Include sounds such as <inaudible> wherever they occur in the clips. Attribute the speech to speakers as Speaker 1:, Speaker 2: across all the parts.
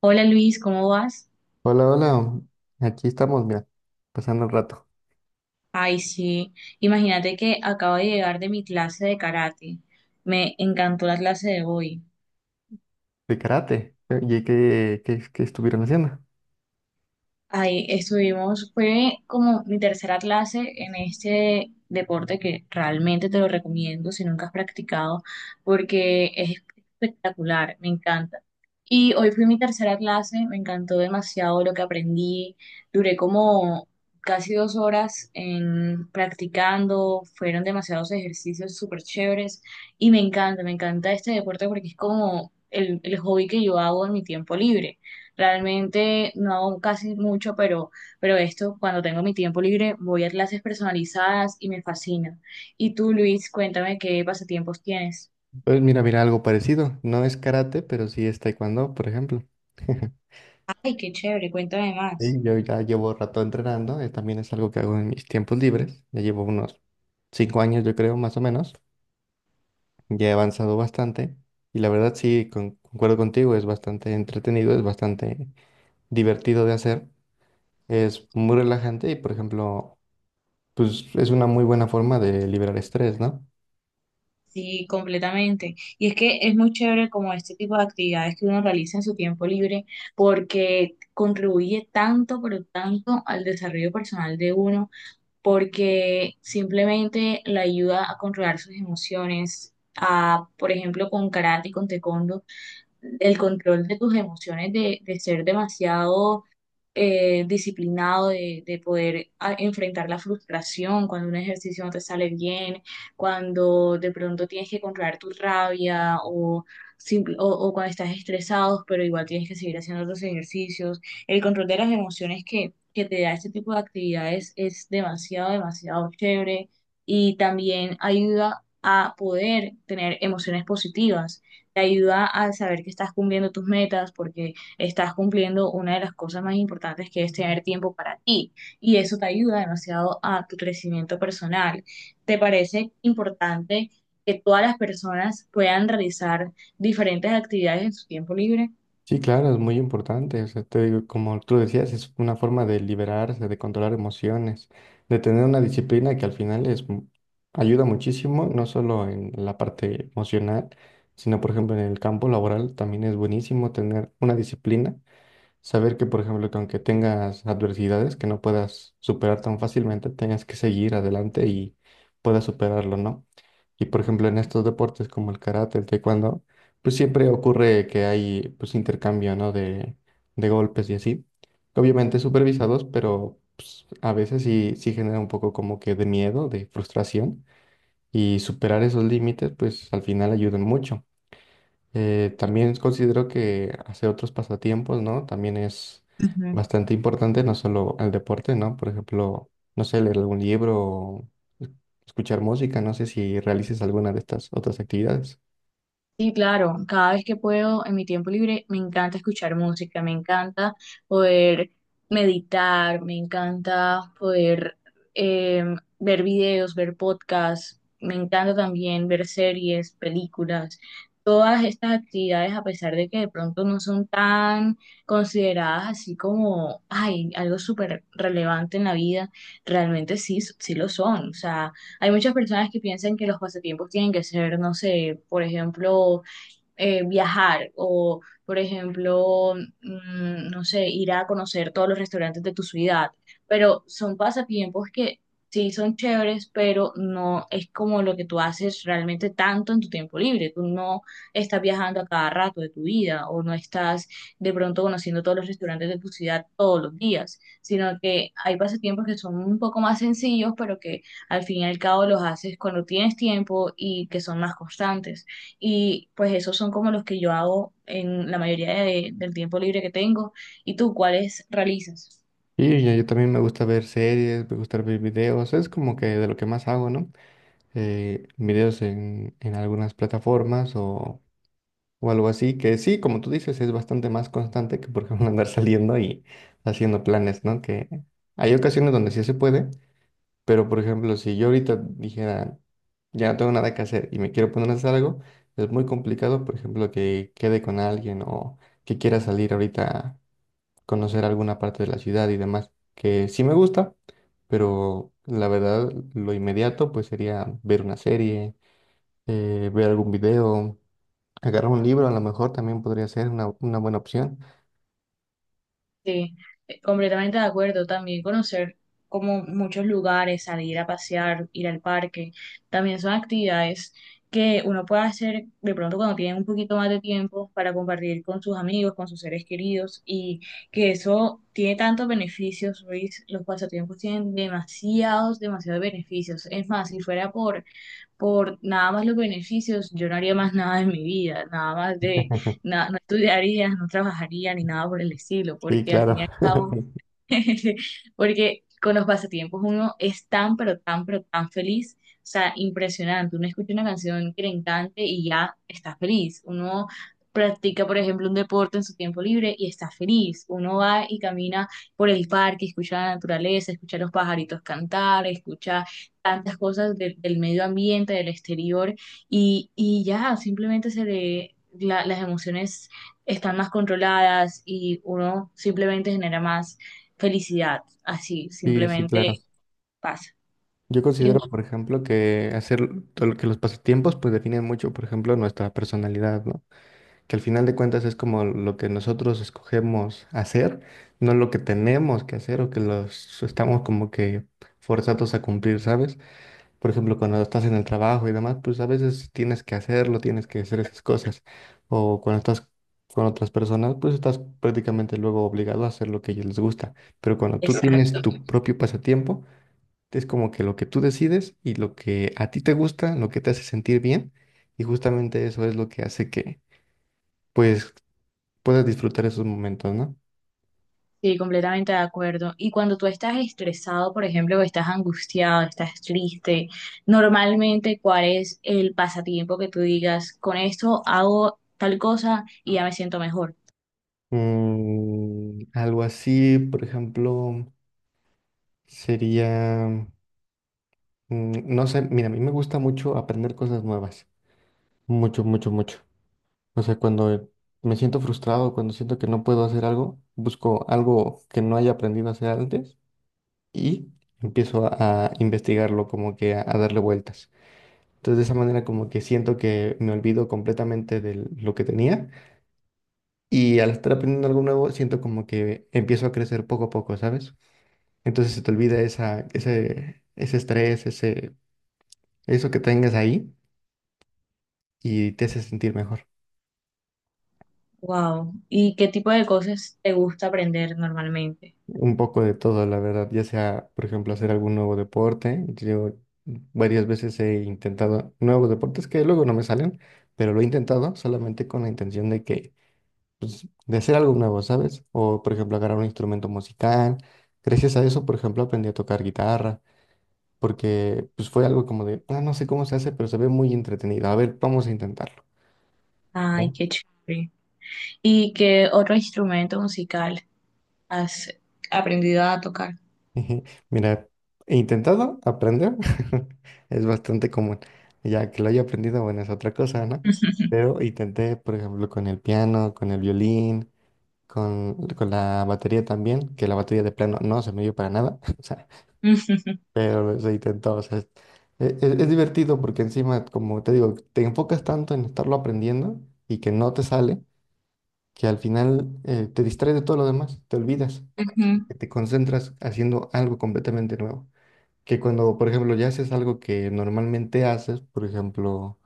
Speaker 1: Hola Luis, ¿cómo vas?
Speaker 2: Hola, hola. Aquí estamos, mira, pasando el rato
Speaker 1: Ay, sí, imagínate que acabo de llegar de mi clase de karate. Me encantó la clase de hoy.
Speaker 2: de karate. ¿Y qué estuvieron haciendo?
Speaker 1: Ahí estuvimos, fue como mi tercera clase en este deporte que realmente te lo recomiendo si nunca has practicado, porque es espectacular, me encanta. Y hoy fue mi tercera clase, me encantó demasiado lo que aprendí, duré como casi dos horas en practicando, fueron demasiados ejercicios súper chéveres y me encanta este deporte porque es como el hobby que yo hago en mi tiempo libre. Realmente no hago casi mucho, pero esto, cuando tengo mi tiempo libre, voy a clases personalizadas y me fascina. Y tú, Luis, cuéntame qué pasatiempos tienes.
Speaker 2: Pues mira, algo parecido. No es karate, pero sí es taekwondo, por ejemplo. <laughs>
Speaker 1: Ay, qué chévere, cuéntame
Speaker 2: Sí,
Speaker 1: más.
Speaker 2: yo ya llevo rato entrenando. También es algo que hago en mis tiempos libres. Ya llevo unos 5 años, yo creo, más o menos. Ya he avanzado bastante. Y la verdad, sí, concuerdo contigo. Es bastante entretenido, es bastante divertido de hacer. Es muy relajante y, por ejemplo, pues es una muy buena forma de liberar estrés, ¿no?
Speaker 1: Sí, completamente. Y es que es muy chévere como este tipo de actividades que uno realiza en su tiempo libre porque contribuye tanto, pero tanto al desarrollo personal de uno, porque simplemente le ayuda a controlar sus emociones, a, por ejemplo, con karate y con taekwondo el control de tus emociones, de ser demasiado disciplinado de poder enfrentar la frustración cuando un ejercicio no te sale bien, cuando de pronto tienes que controlar tu rabia o, o cuando estás estresado, pero igual tienes que seguir haciendo otros ejercicios. El control de las emociones que te da este tipo de actividades es demasiado, demasiado chévere y también ayuda a poder tener emociones positivas. Te ayuda a saber que estás cumpliendo tus metas porque estás cumpliendo una de las cosas más importantes que es tener tiempo para ti y eso te ayuda demasiado a tu crecimiento personal. ¿Te parece importante que todas las personas puedan realizar diferentes actividades en su tiempo libre?
Speaker 2: Sí, claro, es muy importante. O sea, te digo, como tú decías, es una forma de liberarse, de controlar emociones, de tener una disciplina que al final es, ayuda muchísimo, no solo en la parte emocional, sino por ejemplo en el campo laboral. También es buenísimo tener una disciplina. Saber que, por ejemplo, que aunque tengas adversidades que no puedas superar tan fácilmente, tengas que seguir adelante y puedas superarlo, ¿no? Y por ejemplo, en estos deportes como el karate, el taekwondo, pues siempre ocurre que hay pues intercambio, ¿no? De golpes y así. Obviamente supervisados, pero pues, a veces sí genera un poco como que de miedo, de frustración. Y superar esos límites, pues al final ayudan mucho. También considero que hacer otros pasatiempos, ¿no? También es
Speaker 1: Ujú.
Speaker 2: bastante importante, no solo el deporte, ¿no? Por ejemplo, no sé, leer algún libro o es- escuchar música, no sé si realices alguna de estas otras actividades.
Speaker 1: Sí, claro, cada vez que puedo en mi tiempo libre me encanta escuchar música, me encanta poder meditar, me encanta poder eh, ver videos, ver podcasts, me encanta también ver series, películas. Todas estas actividades, a pesar de que de pronto no son tan consideradas así como, ay, algo súper relevante en la vida, realmente sí, sí lo son. O sea, hay muchas personas que piensan que los pasatiempos tienen que ser, no sé, por ejemplo, viajar o, por ejemplo, no sé, ir a conocer todos los restaurantes de tu ciudad. Pero son pasatiempos que sí son chéveres, pero no es como lo que tú haces realmente tanto en tu tiempo libre. Tú no estás viajando a cada rato de tu vida o no estás de pronto conociendo todos los restaurantes de tu ciudad todos los días, sino que hay pasatiempos que son un poco más sencillos, pero que al fin y al cabo los haces cuando tienes tiempo y que son más constantes. Y pues esos son como los que yo hago en la mayoría del tiempo libre que tengo. ¿Y tú cuáles realizas?
Speaker 2: Y yo también me gusta ver series, me gusta ver videos, es como que de lo que más hago, ¿no? Videos en algunas plataformas o algo así, que sí, como tú dices, es bastante más constante que, por ejemplo, <laughs> andar saliendo y haciendo planes, ¿no? Que hay ocasiones donde sí se puede, pero, por ejemplo, si yo ahorita dijera, ya no tengo nada que hacer y me quiero poner a hacer algo, es muy complicado, por ejemplo, que quede con alguien o que quiera salir ahorita a conocer alguna parte de la ciudad y demás, que sí me gusta, pero la verdad, lo inmediato, pues sería ver una serie, ver algún video. Agarrar un libro a lo mejor también podría ser una buena opción.
Speaker 1: Sí, completamente de acuerdo. También conocer como muchos lugares, salir a pasear, ir al parque, también son actividades que uno puede hacer de pronto cuando tiene un poquito más de tiempo para compartir con sus amigos, con sus seres queridos y que eso tiene tantos beneficios, Luis. Los pasatiempos tienen demasiados, demasiados beneficios. Es más, si fuera por nada más los beneficios, yo no haría más nada en mi vida, nada más de,
Speaker 2: <laughs>
Speaker 1: no estudiaría, no trabajaría ni nada por el estilo,
Speaker 2: Sí,
Speaker 1: porque al
Speaker 2: claro.
Speaker 1: fin y al cabo
Speaker 2: <laughs>
Speaker 1: <laughs> porque con los pasatiempos uno es tan, pero tan, pero tan feliz. O sea, impresionante. Uno escucha una canción que le encante y ya está feliz. Uno practica, por ejemplo, un deporte en su tiempo libre y está feliz. Uno va y camina por el parque, escucha la naturaleza, escucha los pajaritos cantar, escucha tantas cosas del medio ambiente, del exterior y ya simplemente se le las emociones están más controladas y uno simplemente genera más felicidad, así,
Speaker 2: Sí, sí,
Speaker 1: simplemente
Speaker 2: claro.
Speaker 1: pasa.
Speaker 2: Yo
Speaker 1: Y,
Speaker 2: considero,
Speaker 1: bueno,
Speaker 2: por ejemplo, que hacer todo lo que los pasatiempos pues definen mucho, por ejemplo, nuestra personalidad, ¿no? Que al final de cuentas es como lo que nosotros escogemos hacer, no lo que tenemos que hacer o que los estamos como que forzados a cumplir, ¿sabes? Por ejemplo, cuando estás en el trabajo y demás, pues a veces tienes que hacerlo, tienes que hacer esas cosas. O cuando estás con otras personas, pues estás prácticamente luego obligado a hacer lo que a ellos les gusta. Pero cuando tú tienes
Speaker 1: exacto,
Speaker 2: tu propio pasatiempo, es como que lo que tú decides y lo que a ti te gusta, lo que te hace sentir bien, y justamente eso es lo que hace que, pues, puedas disfrutar esos momentos, ¿no?
Speaker 1: sí, completamente de acuerdo. Y cuando tú estás estresado, por ejemplo, o estás angustiado, estás triste, normalmente, ¿cuál es el pasatiempo que tú digas, con esto hago tal cosa y ya me siento mejor?
Speaker 2: Mm, algo así, por ejemplo, sería... Mm, no sé, mira, a mí me gusta mucho aprender cosas nuevas. Mucho, mucho, mucho. O sea, cuando me siento frustrado, cuando siento que no puedo hacer algo, busco algo que no haya aprendido a hacer antes y empiezo a investigarlo, como que a darle vueltas. Entonces, de esa manera, como que siento que me olvido completamente de lo que tenía y al estar aprendiendo algo nuevo, siento como que empiezo a crecer poco a poco, ¿sabes? Entonces, se te olvida ese estrés, ese, eso que tengas ahí y te hace sentir mejor.
Speaker 1: Wow. ¿Y qué tipo de cosas te gusta aprender normalmente?
Speaker 2: Un poco de todo, la verdad, ya sea, por ejemplo, hacer algún nuevo deporte. Yo varias veces he intentado nuevos deportes que luego no me salen, pero lo he intentado solamente con la intención de que, pues, de hacer algo nuevo, ¿sabes? O, por ejemplo, agarrar un instrumento musical. Gracias a eso, por ejemplo, aprendí a tocar guitarra, porque pues fue algo como de, ah, no sé cómo se hace, pero se ve muy entretenido. A ver, vamos a intentarlo,
Speaker 1: Ay,
Speaker 2: ¿no?
Speaker 1: qué chévere. ¿Y qué otro instrumento musical has aprendido a tocar?
Speaker 2: Ujú. Mira, he intentado aprender, <laughs> es bastante común. Ya que lo haya aprendido, bueno, es otra cosa, ¿no?
Speaker 1: <laughs>
Speaker 2: Pero intenté, por ejemplo, con el piano, con el violín, con la batería también, que la batería de plano no se me dio para nada, <laughs> o sea,
Speaker 1: Ujú,
Speaker 2: pero se intentó, o sea, es, es divertido porque encima, como te digo, te enfocas tanto en estarlo aprendiendo y que no te sale, que al final te distraes de todo lo demás, te olvidas, porque te concentras haciendo algo completamente nuevo. Que cuando, por ejemplo, ya haces algo que normalmente haces, por ejemplo,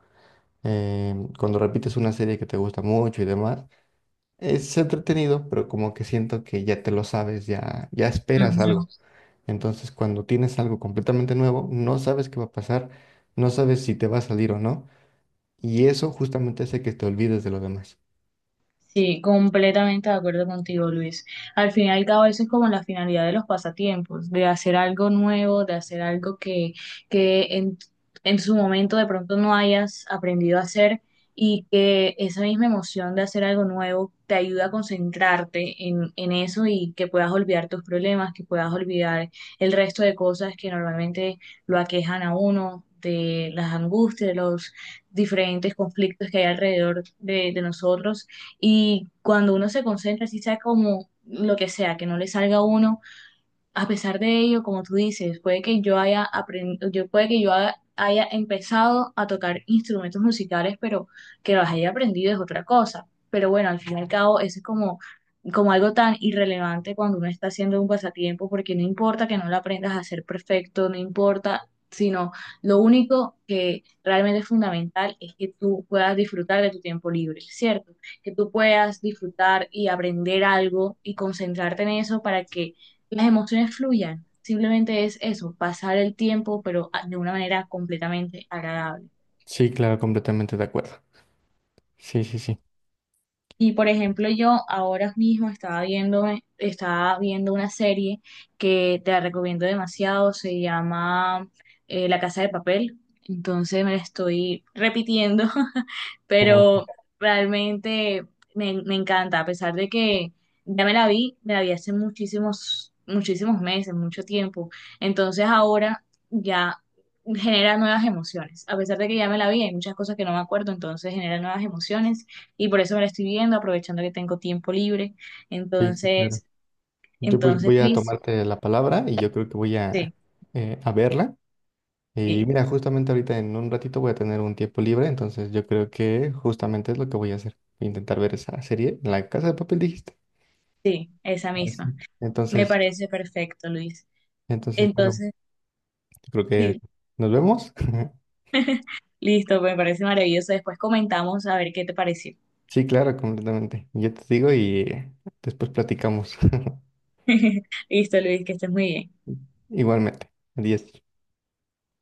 Speaker 2: em, cuando repites una serie que te gusta mucho y demás, es entretenido, pero como que siento que ya te lo sabes, ya
Speaker 1: ujú,
Speaker 2: esperas algo.
Speaker 1: ujú.
Speaker 2: Entonces, cuando tienes algo completamente nuevo, no sabes qué va a pasar, no sabes si te va a salir o no, y eso justamente hace que te olvides de lo demás.
Speaker 1: Sí, completamente de acuerdo contigo, Luis. Al fin y al cabo, eso es como la finalidad de los pasatiempos, de hacer algo nuevo, de hacer algo que en su momento de pronto no hayas aprendido a hacer y que esa misma emoción de hacer algo nuevo te ayuda a concentrarte en eso y que puedas olvidar tus problemas, que puedas olvidar el resto de cosas que normalmente lo aquejan a uno, de las angustias, de los diferentes conflictos que hay alrededor de nosotros y cuando uno se concentra, si sea como lo que sea, que no le salga a uno, a pesar de ello, como tú dices, puede que yo haya aprendido, yo puede que haya empezado a tocar instrumentos musicales, pero que los haya aprendido es otra cosa. Pero bueno, al fin y al cabo, eso es como, como algo tan irrelevante cuando uno está haciendo un pasatiempo, porque no importa que no lo aprendas a ser perfecto, no importa, sino lo único que realmente es fundamental es que tú puedas disfrutar de tu tiempo libre, ¿cierto? Que tú puedas disfrutar y aprender algo y concentrarte en eso para que las emociones fluyan. Simplemente es eso, pasar el tiempo, pero de una manera completamente agradable.
Speaker 2: Sí, claro, completamente de acuerdo. Sí, sí, sí.
Speaker 1: Y por ejemplo, yo ahora mismo estaba viendo una serie que te la recomiendo demasiado, se llama La Casa de Papel. Entonces me la estoy repitiendo, <laughs>
Speaker 2: Ah,
Speaker 1: pero realmente me, me encanta, a pesar de que ya me la vi hace muchísimos, muchísimos meses, mucho tiempo. Entonces ahora ya genera nuevas emociones. A pesar de que ya me la vi, hay muchas cosas que no me acuerdo, entonces genera nuevas emociones y por eso me la estoy viendo, aprovechando que tengo tiempo libre.
Speaker 2: sí, sí, claro.
Speaker 1: Entonces,
Speaker 2: Yo pues
Speaker 1: entonces,
Speaker 2: voy a
Speaker 1: Luis,
Speaker 2: tomarte la palabra y yo creo que voy
Speaker 1: sí,
Speaker 2: a verla. Y
Speaker 1: sí,
Speaker 2: mira, justamente ahorita en un ratito voy a tener un tiempo libre, entonces yo creo que justamente es lo que voy a hacer. Intentar ver esa serie, La Casa de Papel, dijiste.
Speaker 1: sí, esa
Speaker 2: Ah, sí.
Speaker 1: misma. Me
Speaker 2: Entonces,
Speaker 1: parece perfecto, Luis.
Speaker 2: entonces, bueno,
Speaker 1: Entonces,
Speaker 2: yo creo que
Speaker 1: sí,
Speaker 2: nos vemos. <laughs>
Speaker 1: <laughs> listo, me parece maravilloso. Después comentamos a ver qué te pareció.
Speaker 2: Sí, claro, completamente. Yo te digo y después platicamos. <laughs>
Speaker 1: <laughs> Listo, Luis, que estés muy bien.
Speaker 2: Igualmente. Adiós.